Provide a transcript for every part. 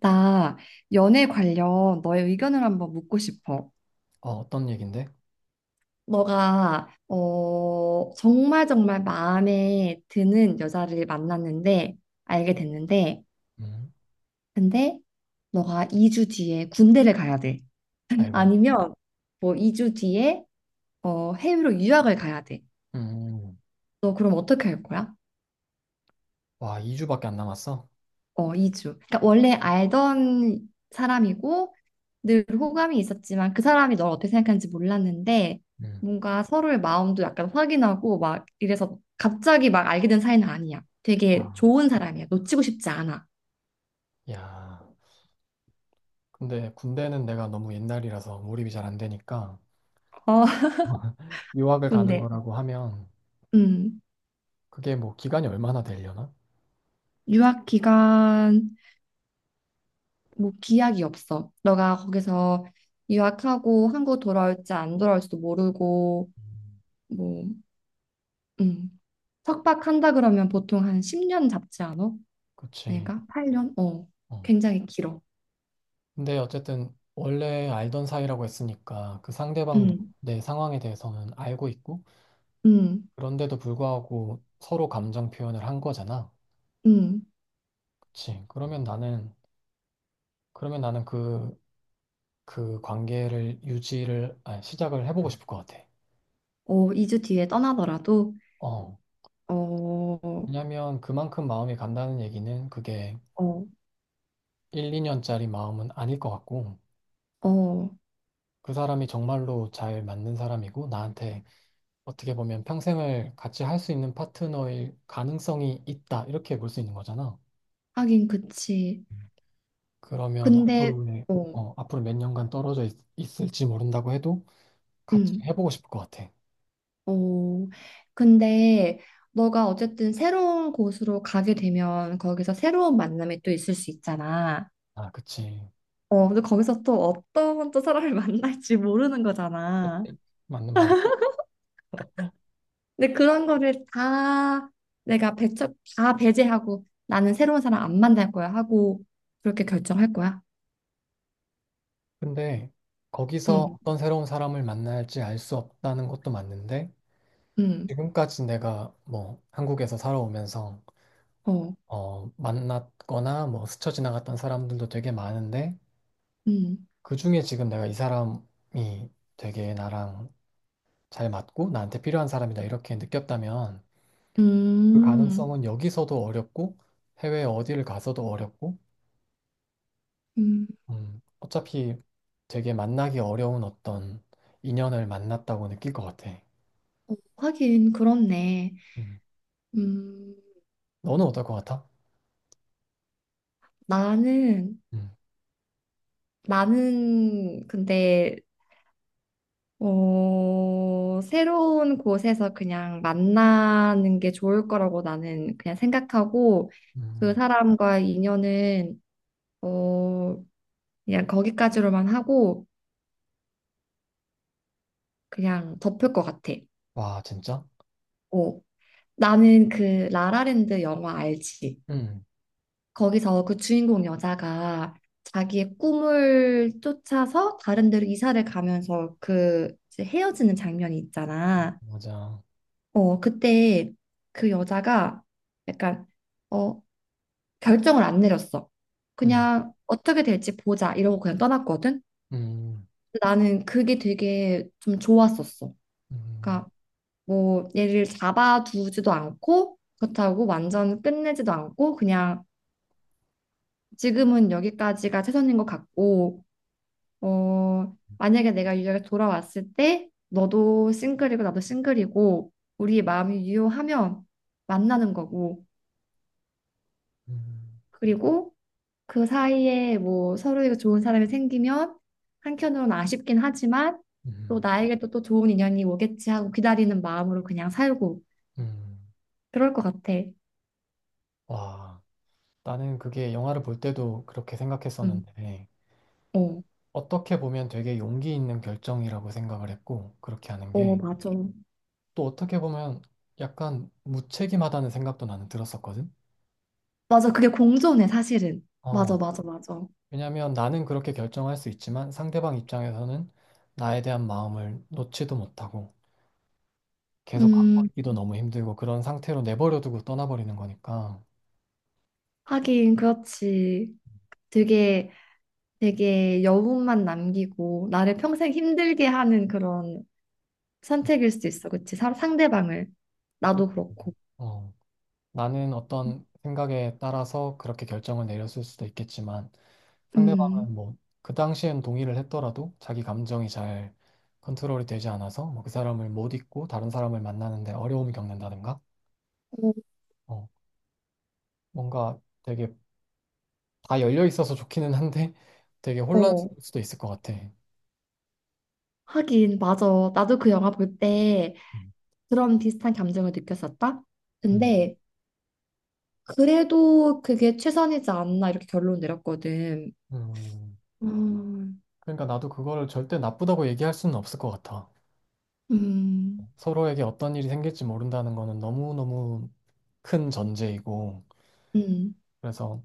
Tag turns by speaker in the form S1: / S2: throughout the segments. S1: 나 연애 관련 너의 의견을 한번 묻고 싶어.
S2: 어떤 얘긴데?
S1: 너가 정말 정말 마음에 드는 여자를 만났는데 알게 됐는데
S2: 음.
S1: 근데 너가 2주 뒤에 군대를 가야 돼.
S2: 아이고.
S1: 아니면 뭐 2주 뒤에 해외로 유학을 가야 돼.
S2: 음.
S1: 너 그럼 어떻게 할 거야?
S2: 와, 2주밖에 안 남았어?
S1: 이주. 그러니까 원래 알던 사람이고 늘 호감이 있었지만 그 사람이 널 어떻게 생각하는지 몰랐는데
S2: 음.
S1: 뭔가 서로의 마음도 약간 확인하고 막 이래서 갑자기 막 알게 된 사이는 아니야. 되게
S2: 아,
S1: 좋은 사람이야. 놓치고 싶지 않아.
S2: 야. 근데 군대는 내가 너무 옛날이라서 몰입이 잘 안 되니까
S1: 어,
S2: 유학을 가는
S1: 근데
S2: 거라고 하면
S1: 음,
S2: 그게 뭐 기간이 얼마나 되려나?
S1: 유학 기간 뭐 기약이 없어. 너가 거기서 유학하고 한국 돌아올지 안 돌아올지도 모르고
S2: 음.
S1: 뭐 음. 석박한다 그러면 보통 한 10년 잡지 않아?
S2: 그치.
S1: 아닌가? 8년?
S2: 어.
S1: 굉장히 길어.
S2: 근데 어쨌든 원래 알던 사이라고 했으니까 그 상대방도
S1: 음,
S2: 내 상황에 대해서는 알고 있고
S1: 음,
S2: 그런데도 불구하고 서로 감정 표현을 한 거잖아.
S1: 음.
S2: 그치. 그러면 나는 그 관계를 유지를 아니, 시작을 해보고 싶을 것 같아.
S1: 어, 2주 뒤에 떠나더라도,
S2: 어.
S1: 어,
S2: 왜냐면 그만큼 마음이 간다는 얘기는 그게
S1: 어,
S2: 1, 2년짜리 마음은 아닐 것 같고
S1: 어,
S2: 그 사람이 정말로 잘 맞는 사람이고 나한테 어떻게 보면 평생을 같이 할 수 있는 파트너일 가능성이 있다 이렇게 볼 수 있는 거잖아.
S1: 하긴 그치.
S2: 그러면
S1: 근데,
S2: 앞으로의
S1: 어,
S2: 앞으로 몇 년간 떨어져 있 을지 모른다고 해도 같이
S1: 음,
S2: 해보고 싶을 것 같아.
S1: 어, 근데 너가 어쨌든 새로운 곳으로 가게 되면 거기서 새로운 만남이 또 있을 수 있잖아.
S2: 아, 그치.
S1: 근데 거기서 또 어떤 또 사람을 만날지 모르는 거잖아.
S2: 맞는 말이야.
S1: 근데 그런 거를 다 배제하고 나는 새로운 사람 안 만날 거야 하고 그렇게 결정할 거야.
S2: 근데 거기서
S1: 응,
S2: 어떤 새로운 사람을 만날지 알 수 없다는 것도 맞는데
S1: 응,
S2: 지금까지 내가 뭐 한국에서 살아오면서
S1: 어,
S2: 만났거나 뭐 스쳐 지나갔던 사람들도 되게 많은데
S1: 응,
S2: 그중에 지금 내가 이 사람이 되게 나랑 잘 맞고 나한테 필요한 사람이다 이렇게 느꼈다면 그
S1: 음,
S2: 가능성은 여기서도 어렵고 해외 어디를 가서도 어렵고
S1: 음,
S2: 어차피 되게 만나기 어려운 어떤 인연을 만났다고 느낄 것 같아.
S1: 어, 하긴 그렇네.
S2: 음.
S1: 음,
S2: 너는 어떨 것 같아?
S1: 나는,
S2: 음.
S1: 나는 근데, 새로운 곳에서 그냥 만나는 게 좋을 거라고 나는 그냥 생각하고 그
S2: 음.
S1: 사람과 인연은 어, 그냥 거기까지로만 하고 그냥 덮을 것 같아.
S2: 와, 진짜?
S1: 어. 나는 그 라라랜드 영화 알지?
S2: 음.
S1: 거기서 그 주인공 여자가 자기의 꿈을 쫓아서 다른 데로 이사를 가면서 그 이제 헤어지는 장면이 있잖아.
S2: 맞아.
S1: 그때 그 여자가 약간 어, 결정을 안 내렸어.
S2: 음.
S1: 그냥 어떻게 될지 보자 이러고 그냥 떠났거든.
S2: 음.
S1: 나는 그게 되게 좀 좋았었어.
S2: 음.
S1: 그러니까 뭐 얘를 잡아두지도 않고 그렇다고 완전 끝내지도 않고 그냥 지금은 여기까지가 최선인 것 같고 만약에 내가 유역에 돌아왔을 때 너도 싱글이고 나도 싱글이고 우리 마음이 유효하면 만나는 거고
S2: 음.
S1: 그리고 그 사이에 뭐 서로에게 좋은 사람이 생기면 한켠으로는 아쉽긴 하지만 또
S2: 음.
S1: 나에게 또 좋은 인연이 오겠지 하고 기다리는 마음으로 그냥 살고
S2: 음.
S1: 그럴 것 같아.
S2: 와, 나는 그게 영화를 볼 때도 그렇게
S1: 응.
S2: 생각했었는데,
S1: 어.
S2: 어떻게 보면 되게 용기 있는 결정이라고 생각을 했고, 그렇게 하는
S1: 어,
S2: 게,
S1: 맞아.
S2: 또 어떻게 보면 약간 무책임하다는 생각도 나는 들었었거든?
S1: 맞아. 그게 공존해, 사실은.
S2: 어,
S1: 맞아, 맞아, 맞아.
S2: 왜냐면 나는 그렇게 결정할 수 있지만 상대방 입장에서는 나에 대한 마음을 놓지도 못하고, 계속 갖고
S1: 음,
S2: 있기도 너무 힘들고 그런 상태로 내버려두고 떠나버리는 거니까
S1: 하긴, 그렇지. 되게, 되게 여운만 남기고, 나를 평생 힘들게 하는 그런 선택일 수도 있어. 그치? 상대방을. 나도 그렇고.
S2: 어, 나는 어떤 생각에 따라서 그렇게 결정을 내렸을 수도 있겠지만
S1: 음,
S2: 상대방은 뭐 그 당시엔 동의를 했더라도 자기 감정이 잘 컨트롤이 되지 않아서 뭐그 사람을 못 잊고 다른 사람을 만나는데 어려움을 겪는다든가
S1: 어,
S2: 어, 뭔가 되게 다 열려 있어서 좋기는 한데 되게
S1: 어.
S2: 혼란스러울 수도 있을 것 같아.
S1: 하긴, 맞아. 나도 그 영화 볼 때
S2: 음.
S1: 그런 비슷한 감정을 느꼈었다.
S2: 음.
S1: 근데, 그래도 그게 최선이지 않나, 이렇게 결론 내렸거든.
S2: 음.
S1: 음,
S2: 그러니까 나도 그거를 절대 나쁘다고 얘기할 수는 없을 것 같아.
S1: 음,
S2: 서로에게 어떤 일이 생길지 모른다는 거는 너무너무 큰 전제이고,
S1: 음,
S2: 그래서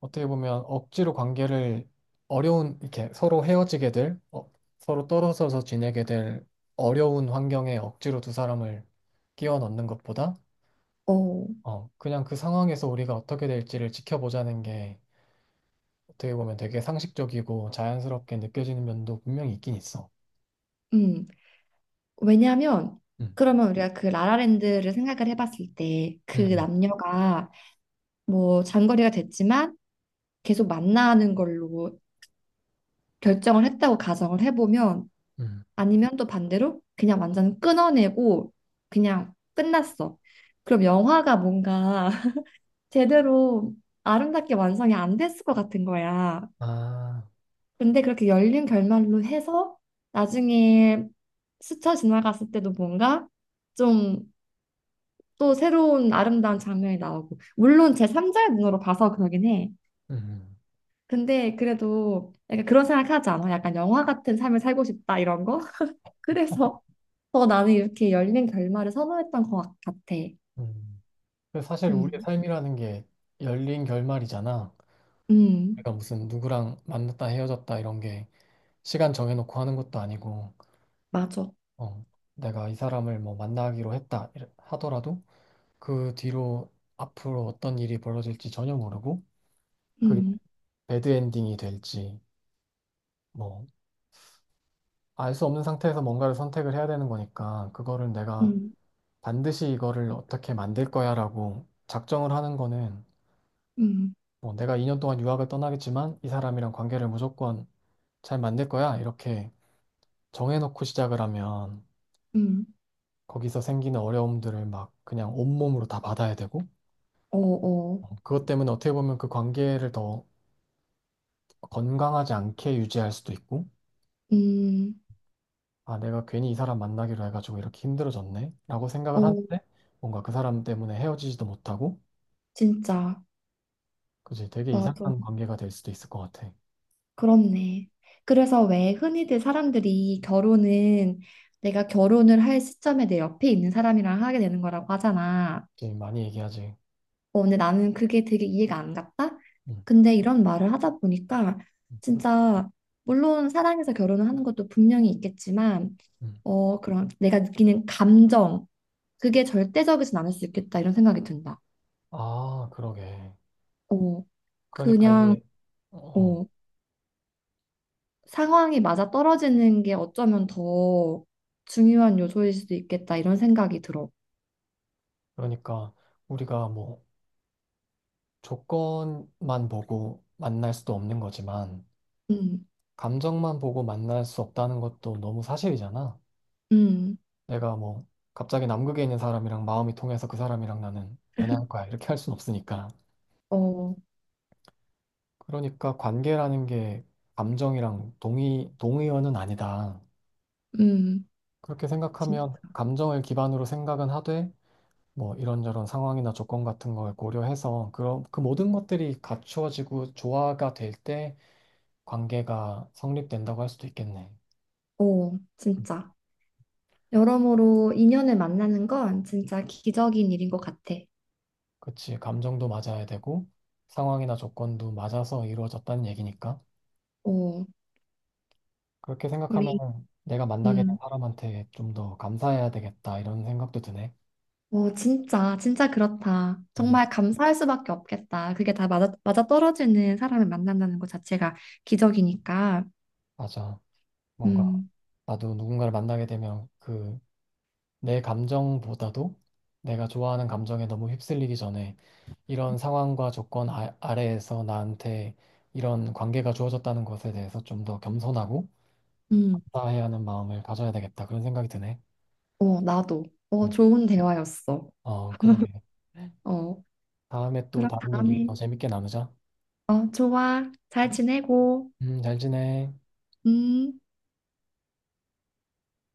S2: 어떻게 보면 억지로 관계를 어려운, 이렇게 서로 헤어지게 될, 어, 서로 떨어져서 지내게 될 어려운 환경에 억지로 두 사람을 끼워 넣는 것보다,
S1: 어,
S2: 그냥 그 상황에서 우리가 어떻게 될지를 지켜보자는 게 어떻게 보면 되게 상식적이고 자연스럽게 느껴지는 면도 분명히 있긴 있어.
S1: 음. 왜냐하면
S2: 음.
S1: 그러면 우리가 그 라라랜드를 생각을 해봤을 때 그
S2: 음.
S1: 남녀가 뭐 장거리가 됐지만 계속 만나는 걸로 결정을 했다고 가정을 해보면
S2: 음.
S1: 아니면 또 반대로 그냥 완전 끊어내고 그냥 끝났어. 그럼 영화가 뭔가 제대로 아름답게 완성이 안 됐을 것 같은 거야.
S2: 아,
S1: 근데 그렇게 열린 결말로 해서 나중에 스쳐 지나갔을 때도 뭔가 좀 또 새로운 아름다운 장면이 나오고 물론 제 삼 자의 눈으로 봐서 그러긴 해.
S2: 음.
S1: 근데 그래도 약간 그런 생각하지 않아? 약간 영화 같은 삶을 살고 싶다 이런 거? 그래서 더 나는 이렇게 열린 결말을 선호했던 것 같아.
S2: 음. 근데 사실 우리의
S1: 음,
S2: 삶이라는 게 열린 결말이잖아.
S1: 음,
S2: 우리가 무슨 누구랑 만났다 헤어졌다 이런 게 시간 정해놓고 하는 것도 아니고,
S1: 맞아.
S2: 어, 내가 이 사람을 뭐 만나기로 했다 하더라도 그 뒤로 앞으로 어떤 일이 벌어질지 전혀 모르고 그게
S1: 음,
S2: 배드 엔딩이 될지 뭐 알 수 없는 상태에서 뭔가를 선택을 해야 되는 거니까 그거를 내가
S1: 음,
S2: 반드시 이거를 어떻게 만들 거야라고 작정을 하는 거는
S1: 음,
S2: 뭐 내가 2년 동안 유학을 떠나겠지만 이 사람이랑 관계를 무조건 잘 만들 거야. 이렇게 정해놓고 시작을 하면
S1: 음,
S2: 거기서 생기는 어려움들을 막 그냥 온몸으로 다 받아야 되고,
S1: 어, 어,
S2: 그것 때문에 어떻게 보면 그 관계를 더 건강하지 않게 유지할 수도 있고,
S1: 음,
S2: 아, 내가 괜히 이 사람 만나기로 해가지고 이렇게 힘들어졌네? 라고 생각을
S1: 어,
S2: 하는데, 뭔가 그 사람 때문에 헤어지지도 못하고,
S1: 진짜
S2: 그지? 되게
S1: 맞아.
S2: 이상한 관계가 될 수도 있을 것 같아.
S1: 그렇네. 그래서 왜 흔히들 사람들이 결혼은 내가 결혼을 할 시점에 내 옆에 있는 사람이랑 하게 되는 거라고 하잖아.
S2: 지금 많이 얘기하지.
S1: 근데 나는 그게 되게 이해가 안 갔다?
S2: 음.
S1: 근데 이런 말을 하다 보니까
S2: 음.
S1: 진짜 물론 사랑해서 결혼을 하는 것도 분명히 있겠지만
S2: 음.
S1: 그런 내가 느끼는 감정 그게 절대적이진 않을 수 있겠다 이런 생각이 든다.
S2: 아, 그러게.
S1: 어,
S2: 그러니까
S1: 그냥
S2: 이게, 어,
S1: 어, 상황이 맞아떨어지는 게 어쩌면 더 중요한 요소일 수도 있겠다 이런 생각이 들어.
S2: 그러니까 우리가 뭐, 조건만 보고 만날 수도 없는 거지만,
S1: 음,
S2: 감정만 보고 만날 수 없다는 것도 너무 사실이잖아.
S1: 음,
S2: 내가 뭐, 갑자기 남극에 있는 사람이랑 마음이 통해서 그 사람이랑 나는 연애할 거야. 이렇게 할 순 없으니까.
S1: 어,
S2: 그러니까 관계라는 게 감정이랑 동의어는 아니다.
S1: 음,
S2: 그렇게
S1: 진짜.
S2: 생각하면 감정을 기반으로 생각은 하되, 뭐 이런저런 상황이나 조건 같은 걸 고려해서 그런 그 모든 것들이 갖추어지고 조화가 될 때 관계가 성립된다고 할 수도 있겠네.
S1: 어, 진짜. 여러모로 인연을 만나는 건 진짜 기적인 일인 것 같아.
S2: 그치. 감정도 맞아야 되고 상황이나 조건도 맞아서 이루어졌다는 얘기니까.
S1: 어,
S2: 그렇게
S1: 우리,
S2: 생각하면 내가 만나게 된
S1: 음,
S2: 사람한테 좀 더 감사해야 되겠다 이런 생각도 드네.
S1: 진짜, 진짜 그렇다.
S2: 음.
S1: 정말 감사할 수밖에 없겠다. 그게 다 맞아떨어지는 사람을 만난다는 것 자체가 기적이니까.
S2: 맞아. 뭔가
S1: 음,
S2: 나도 누군가를 만나게 되면 그 내 감정보다도 내가 좋아하는 감정에 너무 휩쓸리기 전에 이런 상황과 조건 아래에서 나한테 이런 관계가 주어졌다는 것에 대해서 좀 더 겸손하고
S1: 음,
S2: 감사해야 하는 마음을 가져야 되겠다 그런 생각이 드네.
S1: 어, 나도.
S2: 음.
S1: 어, 좋은 대화였어.
S2: 그러게.
S1: 어.
S2: 다음에 또
S1: 그럼
S2: 다른 얘기
S1: 다음에,
S2: 더 재밌게 나누자.
S1: 좋아. 잘 지내고,
S2: 잘 지내.
S1: 음.